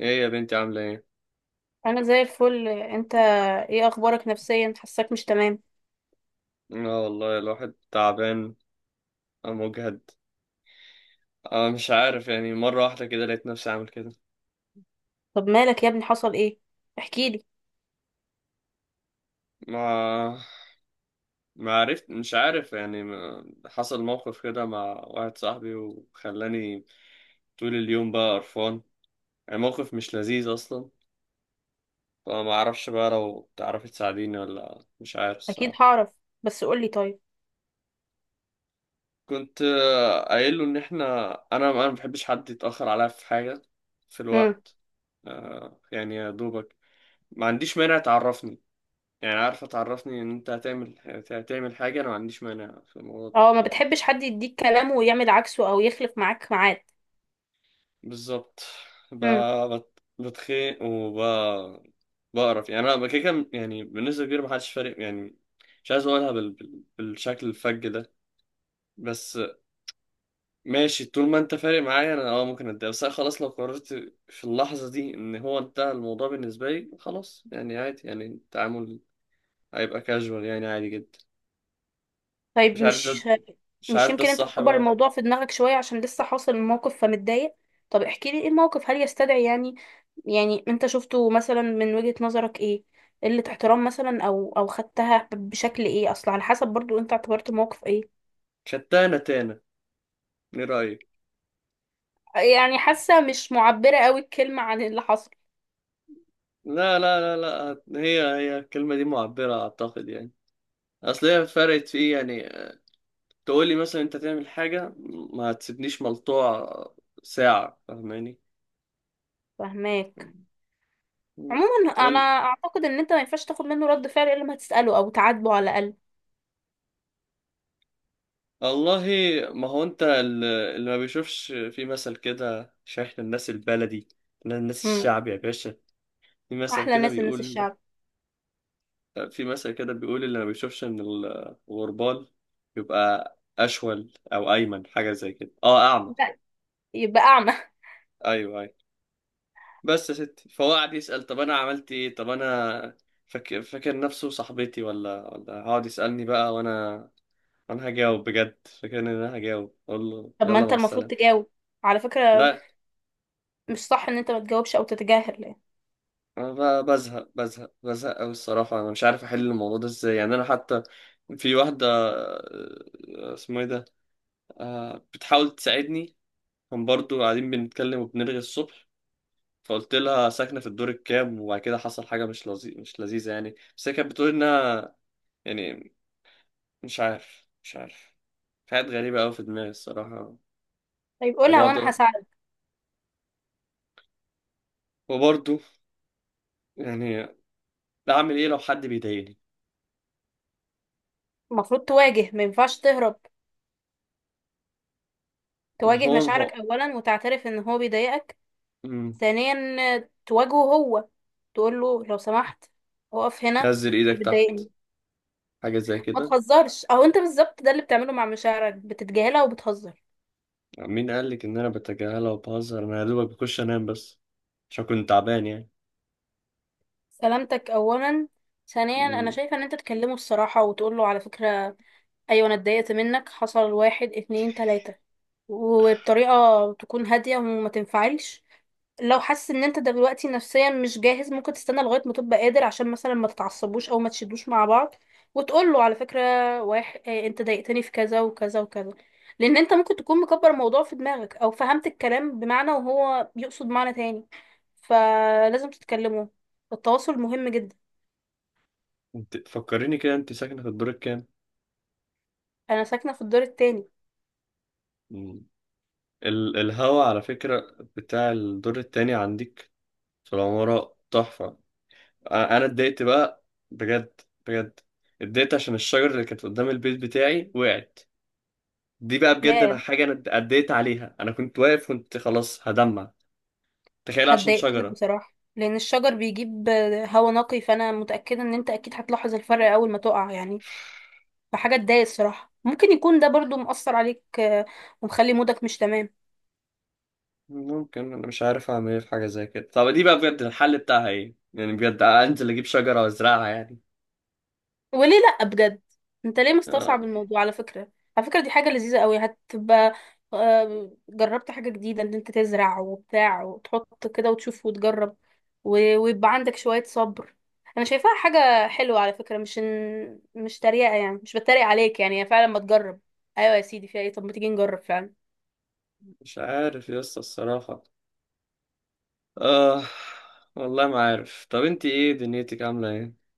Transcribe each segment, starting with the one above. ايه يا بنتي، عاملة ايه؟ انا زي الفل. انت ايه اخبارك نفسيا؟ حاساك مش تمام. اه والله الواحد تعبان، مجهد. اه، مش عارف، يعني مرة واحدة كده لقيت نفسي عامل كده. طب مالك يا ابني؟ حصل ايه؟ احكيلي. ما ما عرفت، مش عارف يعني، حصل موقف كده مع واحد صاحبي وخلاني طول اليوم بقى قرفان. يعني موقف مش لذيذ اصلا، فما اعرفش بقى لو تعرفي تساعديني ولا مش عارف اكيد الصراحة. هعرف، بس قولي طيب. كنت قايل له ان احنا، انا ما بحبش حد يتأخر عليا في حاجة، في امم. الوقت. يعني يا دوبك ما عنديش مانع تعرفني، يعني عارفة تعرفني ان انت هتعمل، حاجة انا ما عنديش مانع في الموضوع ده. اه، ما بتحبش حد يديك كلام ويعمل عكسه او يخلف معاك ميعاد. بالظبط. ب... امم. بتخيق بقرف يعني، انا كده كده يعني بالنسبة كبيرة، ما حدش فارق يعني. مش عايز اقولها بالشكل الفج ده، بس. ماشي، طول ما انت فارق معايا انا ممكن اتضايق، بس انا خلاص لو قررت في اللحظة دي ان هو انتهى الموضوع بالنسبة لي، خلاص يعني عادي، يعني التعامل هيبقى كاجوال يعني عادي جدا. مش طيب. عارف ده مش مش مش عارف ده يمكن انت الصح مكبر بقى. الموضوع في دماغك شويه عشان لسه حاصل الموقف فمتضايق؟ طب احكيلي ايه الموقف، هل يستدعي يعني؟ يعني انت شفته مثلا من وجهة نظرك ايه؟ قلة احترام مثلا، او خدتها بشكل ايه؟ اصل على حسب برضو انت اعتبرت الموقف ايه. شتانة تانة، ايه رأيك؟ يعني حاسة مش معبرة قوي الكلمة عن اللي حصل. لا، لا، لا، لا، هي هي الكلمة دي معبرة أعتقد يعني. أصل هي فرقت في إيه يعني؟ تقولي مثلا أنت تعمل حاجة، ما هتسيبنيش ملطوع ساعة، فاهماني؟ فهماك. عموما انا تقول اعتقد ان انت ما ينفعش تاخد منه رد فعل الا لما تسأله او تعاتبه على الاقل. والله، ما هو أنت اللي ما بيشوفش في مثل كده، عشان إحنا الناس البلدي. إحنا الناس مم. الشعب يا باشا، في مثل احلى كده ناس الناس بيقول الشعب. في مثل كده بيقول اللي ما بيشوفش ان الغربال يبقى اشول او ايمن حاجه زي كده، اعمى. لا، يبقى اعمى. ايوه، ايوه. بس يا ستي، فهو قعد يسال، طب انا عملت ايه؟ طب انا فاكر نفسه صاحبتي ولا هقعد يسالني بقى، وانا هجاوب بجد؟ فاكر ان انا هجاوب اقول له طب ما يلا انت مع المفروض السلامه؟ تجاوب على فكرة. لا. مش صح ان انت ما تجاوبش او تتجاهل يعني. انا بزهق بزهق بزهق قوي الصراحه، انا مش عارف احل الموضوع ده ازاي يعني، انا حتى في واحده، اسمه ايه ده، بتحاول تساعدني. كان برضو قاعدين بنتكلم وبنرغي الصبح، فقلت لها ساكنة في الدور الكام، وبعد كده حصل حاجة مش لذيذة يعني، بس هي كانت بتقول إنها يعني، مش عارف. في حاجات غريبة أوي في دماغي الصراحة. طيب قولها وانا وبقعد، هساعدك. وبرضو، يعني، أعمل إيه لو حد بيضايقني؟ المفروض تواجه، ما ينفعش تهرب. ما تواجه هو ما هو مشاعرك اولا وتعترف ان هو بيضايقك. مم. ثانيا تواجهه هو. تقول له لو سمحت، اقف هنا، نزل إيدك انت تحت، بتضايقني. حاجة زي ما كده. تهزرش، او انت بالظبط ده اللي بتعمله مع مشاعرك، بتتجاهلها وبتهزر. مين قالك إن أنا بتجاهلها وبهزر؟ أنا يا دوبك بخش أنام بس، عشان كنت تعبان يعني. سلامتك اولا. ثانيا انا مم. شايفه ان انت تكلمه الصراحه وتقول له على فكره، ايوه انا اتضايقت منك، حصل واحد اتنين تلاتة، وبطريقة تكون هادية وما تنفعلش. لو حاسس ان انت دلوقتي نفسيا مش جاهز، ممكن تستنى لغاية ما تبقى قادر عشان مثلا ما تتعصبوش او ما تشدوش مع بعض. وتقول له على فكرة، واحد إيه، انت ضايقتني في كذا وكذا وكذا. لان انت ممكن تكون مكبر الموضوع في دماغك او فهمت الكلام بمعنى وهو بيقصد معنى تاني. فلازم تتكلموا، التواصل مهم جدا. انت فكريني كده، أنت ساكنة في الدور الكام؟ انا ساكنة في الدور التاني. الهوا على فكرة بتاع الدور التاني عندك في العمارة تحفة. أنا اتضايقت بقى، بجد، بجد، اتضايقت عشان الشجرة اللي كانت قدام البيت بتاعي وقعت. دي بقى بجد ياه. أنا حاجة، أنا اتضايقت عليها، أنا كنت واقف كنت خلاص هدمع. تخيل، عشان هتضايقت لك شجرة. بصراحة، لأن الشجر بيجيب هوا نقي، فأنا متأكدة إن أنت أكيد هتلاحظ الفرق أول ما تقع يعني. فحاجة تضايق الصراحة، ممكن يكون ده برضو مؤثر عليك ومخلي مودك مش تمام. ممكن، أنا مش عارف أعمل إيه في حاجة زي كده، طب دي بقى بجد الحل بتاعها إيه يعني؟ بجد أنزل أجيب شجرة وأزرعها يعني؟ وليه لا؟ بجد. انت ليه مستصعب آه. الموضوع على فكرة؟ على فكرة دي حاجة لذيذة قوي هتبقى. جربت حاجة جديدة ان انت تزرع وبتاع وتحط كده وتشوف وتجرب. ويبقى عندك شوية صبر. انا شايفاها حاجة حلوة على فكرة، مش تريقة يعني، مش بتريق عليك يعني، هي فعلا. ما تجرب؟ ايوه يا سيدي فيها ايه؟ طب ما تيجي نجرب فعلا. مش عارف يا اسطى الصراحة. آه والله ما عارف، طب انت، ايه دنيتك، عاملة ايه؟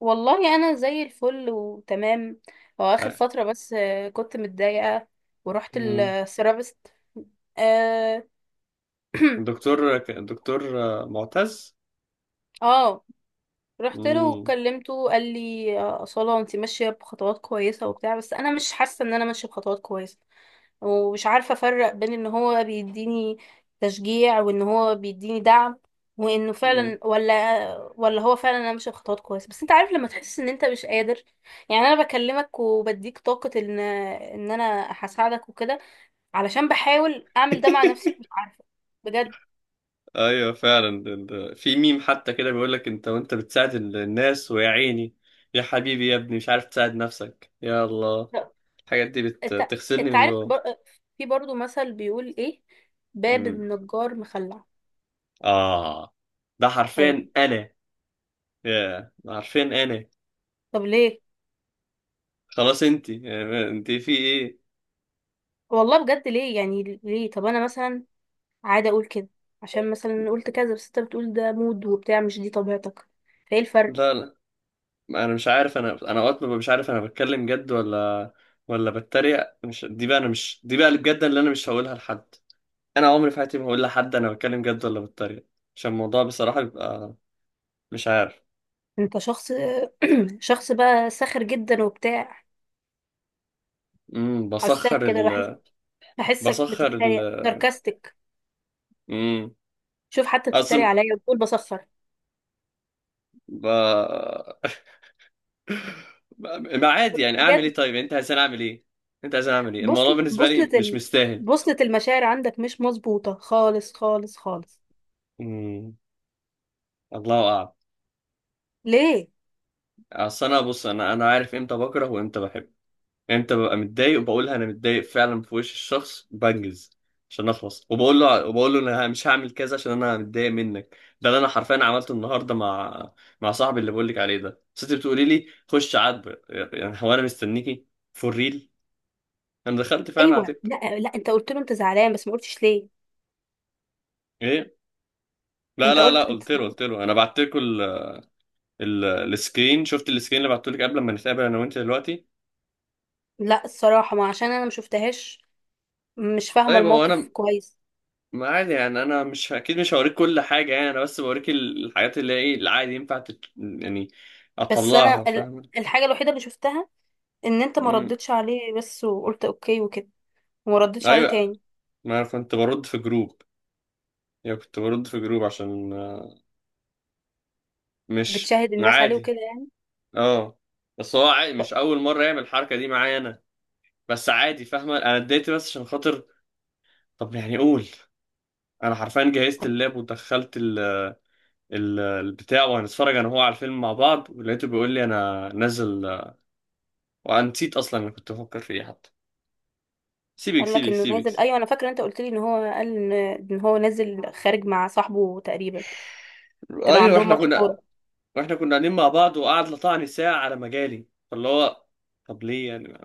والله انا زي الفل وتمام. هو اخر آه، فترة بس كنت متضايقة. ورحت مم. الثيرابيست. اه. الدكتور الدكتور معتز. اه رحت له مم. وكلمته، قال لي أصالة انت ماشية بخطوات كويسة وبتاع، بس أنا مش حاسة إن أنا ماشية بخطوات كويسة. ومش عارفة أفرق بين إن هو بيديني تشجيع وإن هو بيديني دعم، وإنه مم. فعلا ولا هو فعلا أنا ماشية بخطوات كويسة. بس أنت عارف لما تحس إن أنت مش قادر يعني. أنا بكلمك وبديك طاقة إن أنا هساعدك وكده، علشان بحاول أعمل ده مع نفسي ومش عارفة. بجد. ايوه فعلا، في ميم حتى كده بيقول لك، انت وانت بتساعد الناس ويا عيني. يا حبيبي يا ابني مش عارف تساعد نفسك، يا الله. الحاجات دي انت بتغسلني انت من عارف جوه. في برضو مثل بيقول ايه: باب مم. النجار مخلع. اه، ده ايوه. حرفيا انا. يا ده حرفيا انا. طب ليه؟ خلاص، انت في ايه؟ والله بجد ليه يعني؟ ليه؟ طب انا مثلا عادة اقول كده عشان مثلا قلت كذا، بس انت بتقول ده مود وبتاع، مش دي طبيعتك، فايه الفرق؟ لا، لا. انا مش عارف، انا اوقات ببقى مش عارف انا بتكلم جد ولا بتريق. مش دي بقى اللي بجد، اللي انا مش هقولها لحد. انا عمري في حياتي ما هقول لحد انا بتكلم جد ولا بتريق، عشان الموضوع بصراحة بيبقى، مش عارف. انت شخص شخص بقى ساخر جدا وبتاع. بسخر حساك كده، بحس بحسك بسخر ال بتتريق، ساركاستك. امم شوف حتى بتتريق اصلا، عليا وبتقول بسخر. ب... ما عادي يعني، اعمل بجد. ايه؟ طيب انت عايز اعمل ايه؟ الموضوع بوصلة بالنسبة لي بوصلة مش ال... مستاهل. بوصلة المشاعر عندك مش مظبوطة خالص خالص خالص. امم الله اعلم. ليه؟ اصل انا بص، انا عارف امتى بكره وامتى بحب. يعني انت ببقى متضايق وبقولها انا متضايق فعلا في وش الشخص بنجز عشان اخلص، وبقول له انا مش هعمل كذا عشان انا متضايق منك، ده اللي انا حرفيا عملته النهارده مع صاحبي اللي بقول لك عليه ده. بس انت بتقولي لي خش عاتبه، يعني هو انا مستنيكي؟ فور ريل. انا دخلت فعلا ايوه. عاتبته. لا لا، انت قلت له انت زعلان بس ما قلتش ليه. ايه، لا، انت لا، لا، قلت انت قلت له زعلان. قلت له انا بعت لكم السكرين، شفت السكرين اللي بعته لك قبل ما نتقابل انا وانت دلوقتي؟ لا، الصراحه ما عشان انا ما شفتهاش، مش فاهمه طيب هو الموقف انا، كويس. ما عادي يعني، انا مش اكيد مش هوريك كل حاجه يعني، انا بس بوريك الحاجات اللي هي ايه العادي ينفع يعني بس انا اطلعها، فاهم؟ الحاجه الوحيده اللي شفتها ان انت ما مم. ردتش عليه، بس وقلت اوكي وكده، وما ردتش عليه ايوه، تاني. ما انا كنت برد في جروب، يعني كنت برد في جروب عشان مش بتشاهد الناس عليه عادي. وكده يعني. اه، بس هو عادي، طب مش اول مره يعمل الحركه دي معايا انا. بس عادي فاهمه، انا اديت بس عشان خاطر، طب يعني قول. انا حرفيا جهزت طب اللاب ودخلت البتاع، وهنتفرج انا وهو على الفيلم مع بعض، ولقيته بيقول لي انا نازل. وانا نسيت اصلا انا كنت بفكر في ايه حتى. سيبك، قال لك سيبك، انه سيبك. نازل؟ ايوه انا فاكره انت قلت لي ان هو قال ان هو نازل خارج مع صاحبه تقريبا. كانوا ايوه، عندهم احنا ماتش كنا كوره. واحنا كنا قاعدين مع بعض وقعد لطعني ساعه على مجالي فاللي هو، طب ليه يعني؟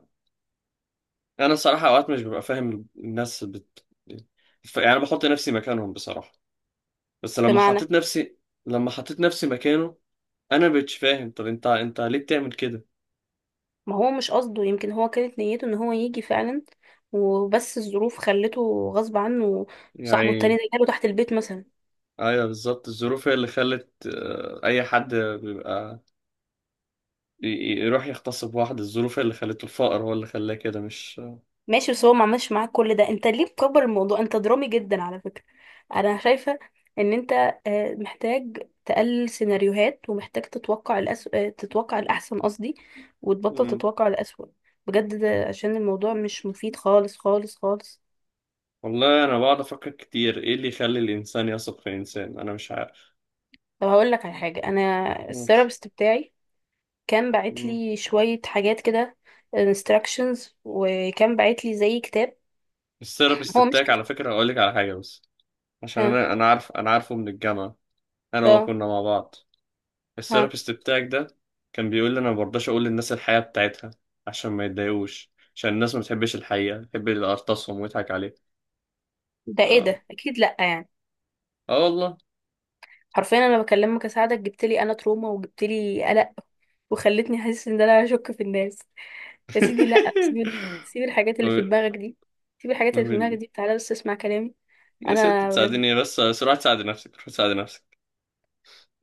انا الصراحه اوقات مش ببقى فاهم الناس يعني بحط نفسي مكانهم بصراحه. بس بمعنى؟ لما حطيت نفسي مكانه، انا مبقتش فاهم، طب انت ليه بتعمل كده ما هو مش قصده، يمكن هو كانت نيته ان هو يجي فعلا، وبس الظروف خلته غصب عنه. صاحبه التاني يعني؟ ده جاله تحت البيت مثلا. ايوه بالظبط، الظروف هي اللي خلت، اي حد بيبقى يروح يغتصب واحد، الظروف هي اللي خلته، الفقر هو اللي خلاه كده، مش. ماشي، بس هو ما عملش معاك كل ده، انت ليه مكبر الموضوع؟ انت درامي جدا على فكرة. انا شايفة ان انت محتاج تقلل سيناريوهات ومحتاج تتوقع الأس... آه، تتوقع الأحسن قصدي. وتبطل تتوقع الأسوأ. بجد ده عشان الموضوع مش مفيد خالص خالص خالص. والله انا بقعد افكر كتير، ايه اللي يخلي الانسان يثق في الانسان؟ انا مش عارف. طب هقول لك على حاجة: انا قول. الثيرابيست بتاعي كان باعت مم. لي شوية حاجات كده، instructions، وكان باعت لي زي كتاب. الثيرابيست هو مش بتاعك على كتاب. فكره، اقول لك على حاجه، بس عشان ها؟ انا عارف، انا عارفه من الجامعه، انا وهو ها؟ كنا مع بعض. ها؟ الثيرابيست بتاعك ده كان بيقول لي انا ما برضاش اقول للناس الحقيقه بتاعتها، عشان ما يتضايقوش، عشان الناس ما بتحبش الحقيقه، بتحب اللي ارتصهم ويضحك عليه. ده ايه اه، ده؟ اكيد لا يعني. اه والله. حرفيا انا بكلمك اساعدك، جبت لي انا تروما وجبت لي قلق، وخلتني احس ان انا هشك في الناس. يا سيدي لا، سيب الحاجات اللي في ما دماغك دي. سيب الحاجات ما اللي في دماغك دي، تعالى بس اسمع كلامي. يا ست انا تساعديني بس، بس روح تساعدي نفسك، روح تساعدي نفسك.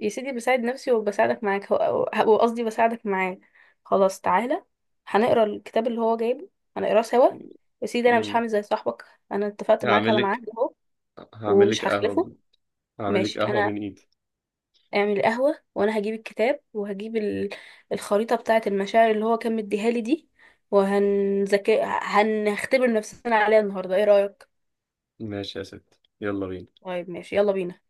يا سيدي بساعد نفسي وبساعدك معاك، وقصدي بساعدك معاه. خلاص تعالى، هنقرا الكتاب اللي هو جايبه، هنقراه سوا. يا سيدي انا مش مم. هعمل زي صاحبك. انا اتفقت معاك هعمل على لك ميعاد اهو هعمل لك ومش هخلفه. قهوة. هعمل لك ماشي، قهوة انا من ايدي. اعمل قهوة وانا هجيب الكتاب وهجيب الخريطة بتاعة المشاعر اللي هو كان مديها لي دي. وهنذاكر، هنختبر نفسنا عليها النهارده، ايه رأيك؟ ماشي يا ست، يلا بينا. طيب ماشي، يلا بينا.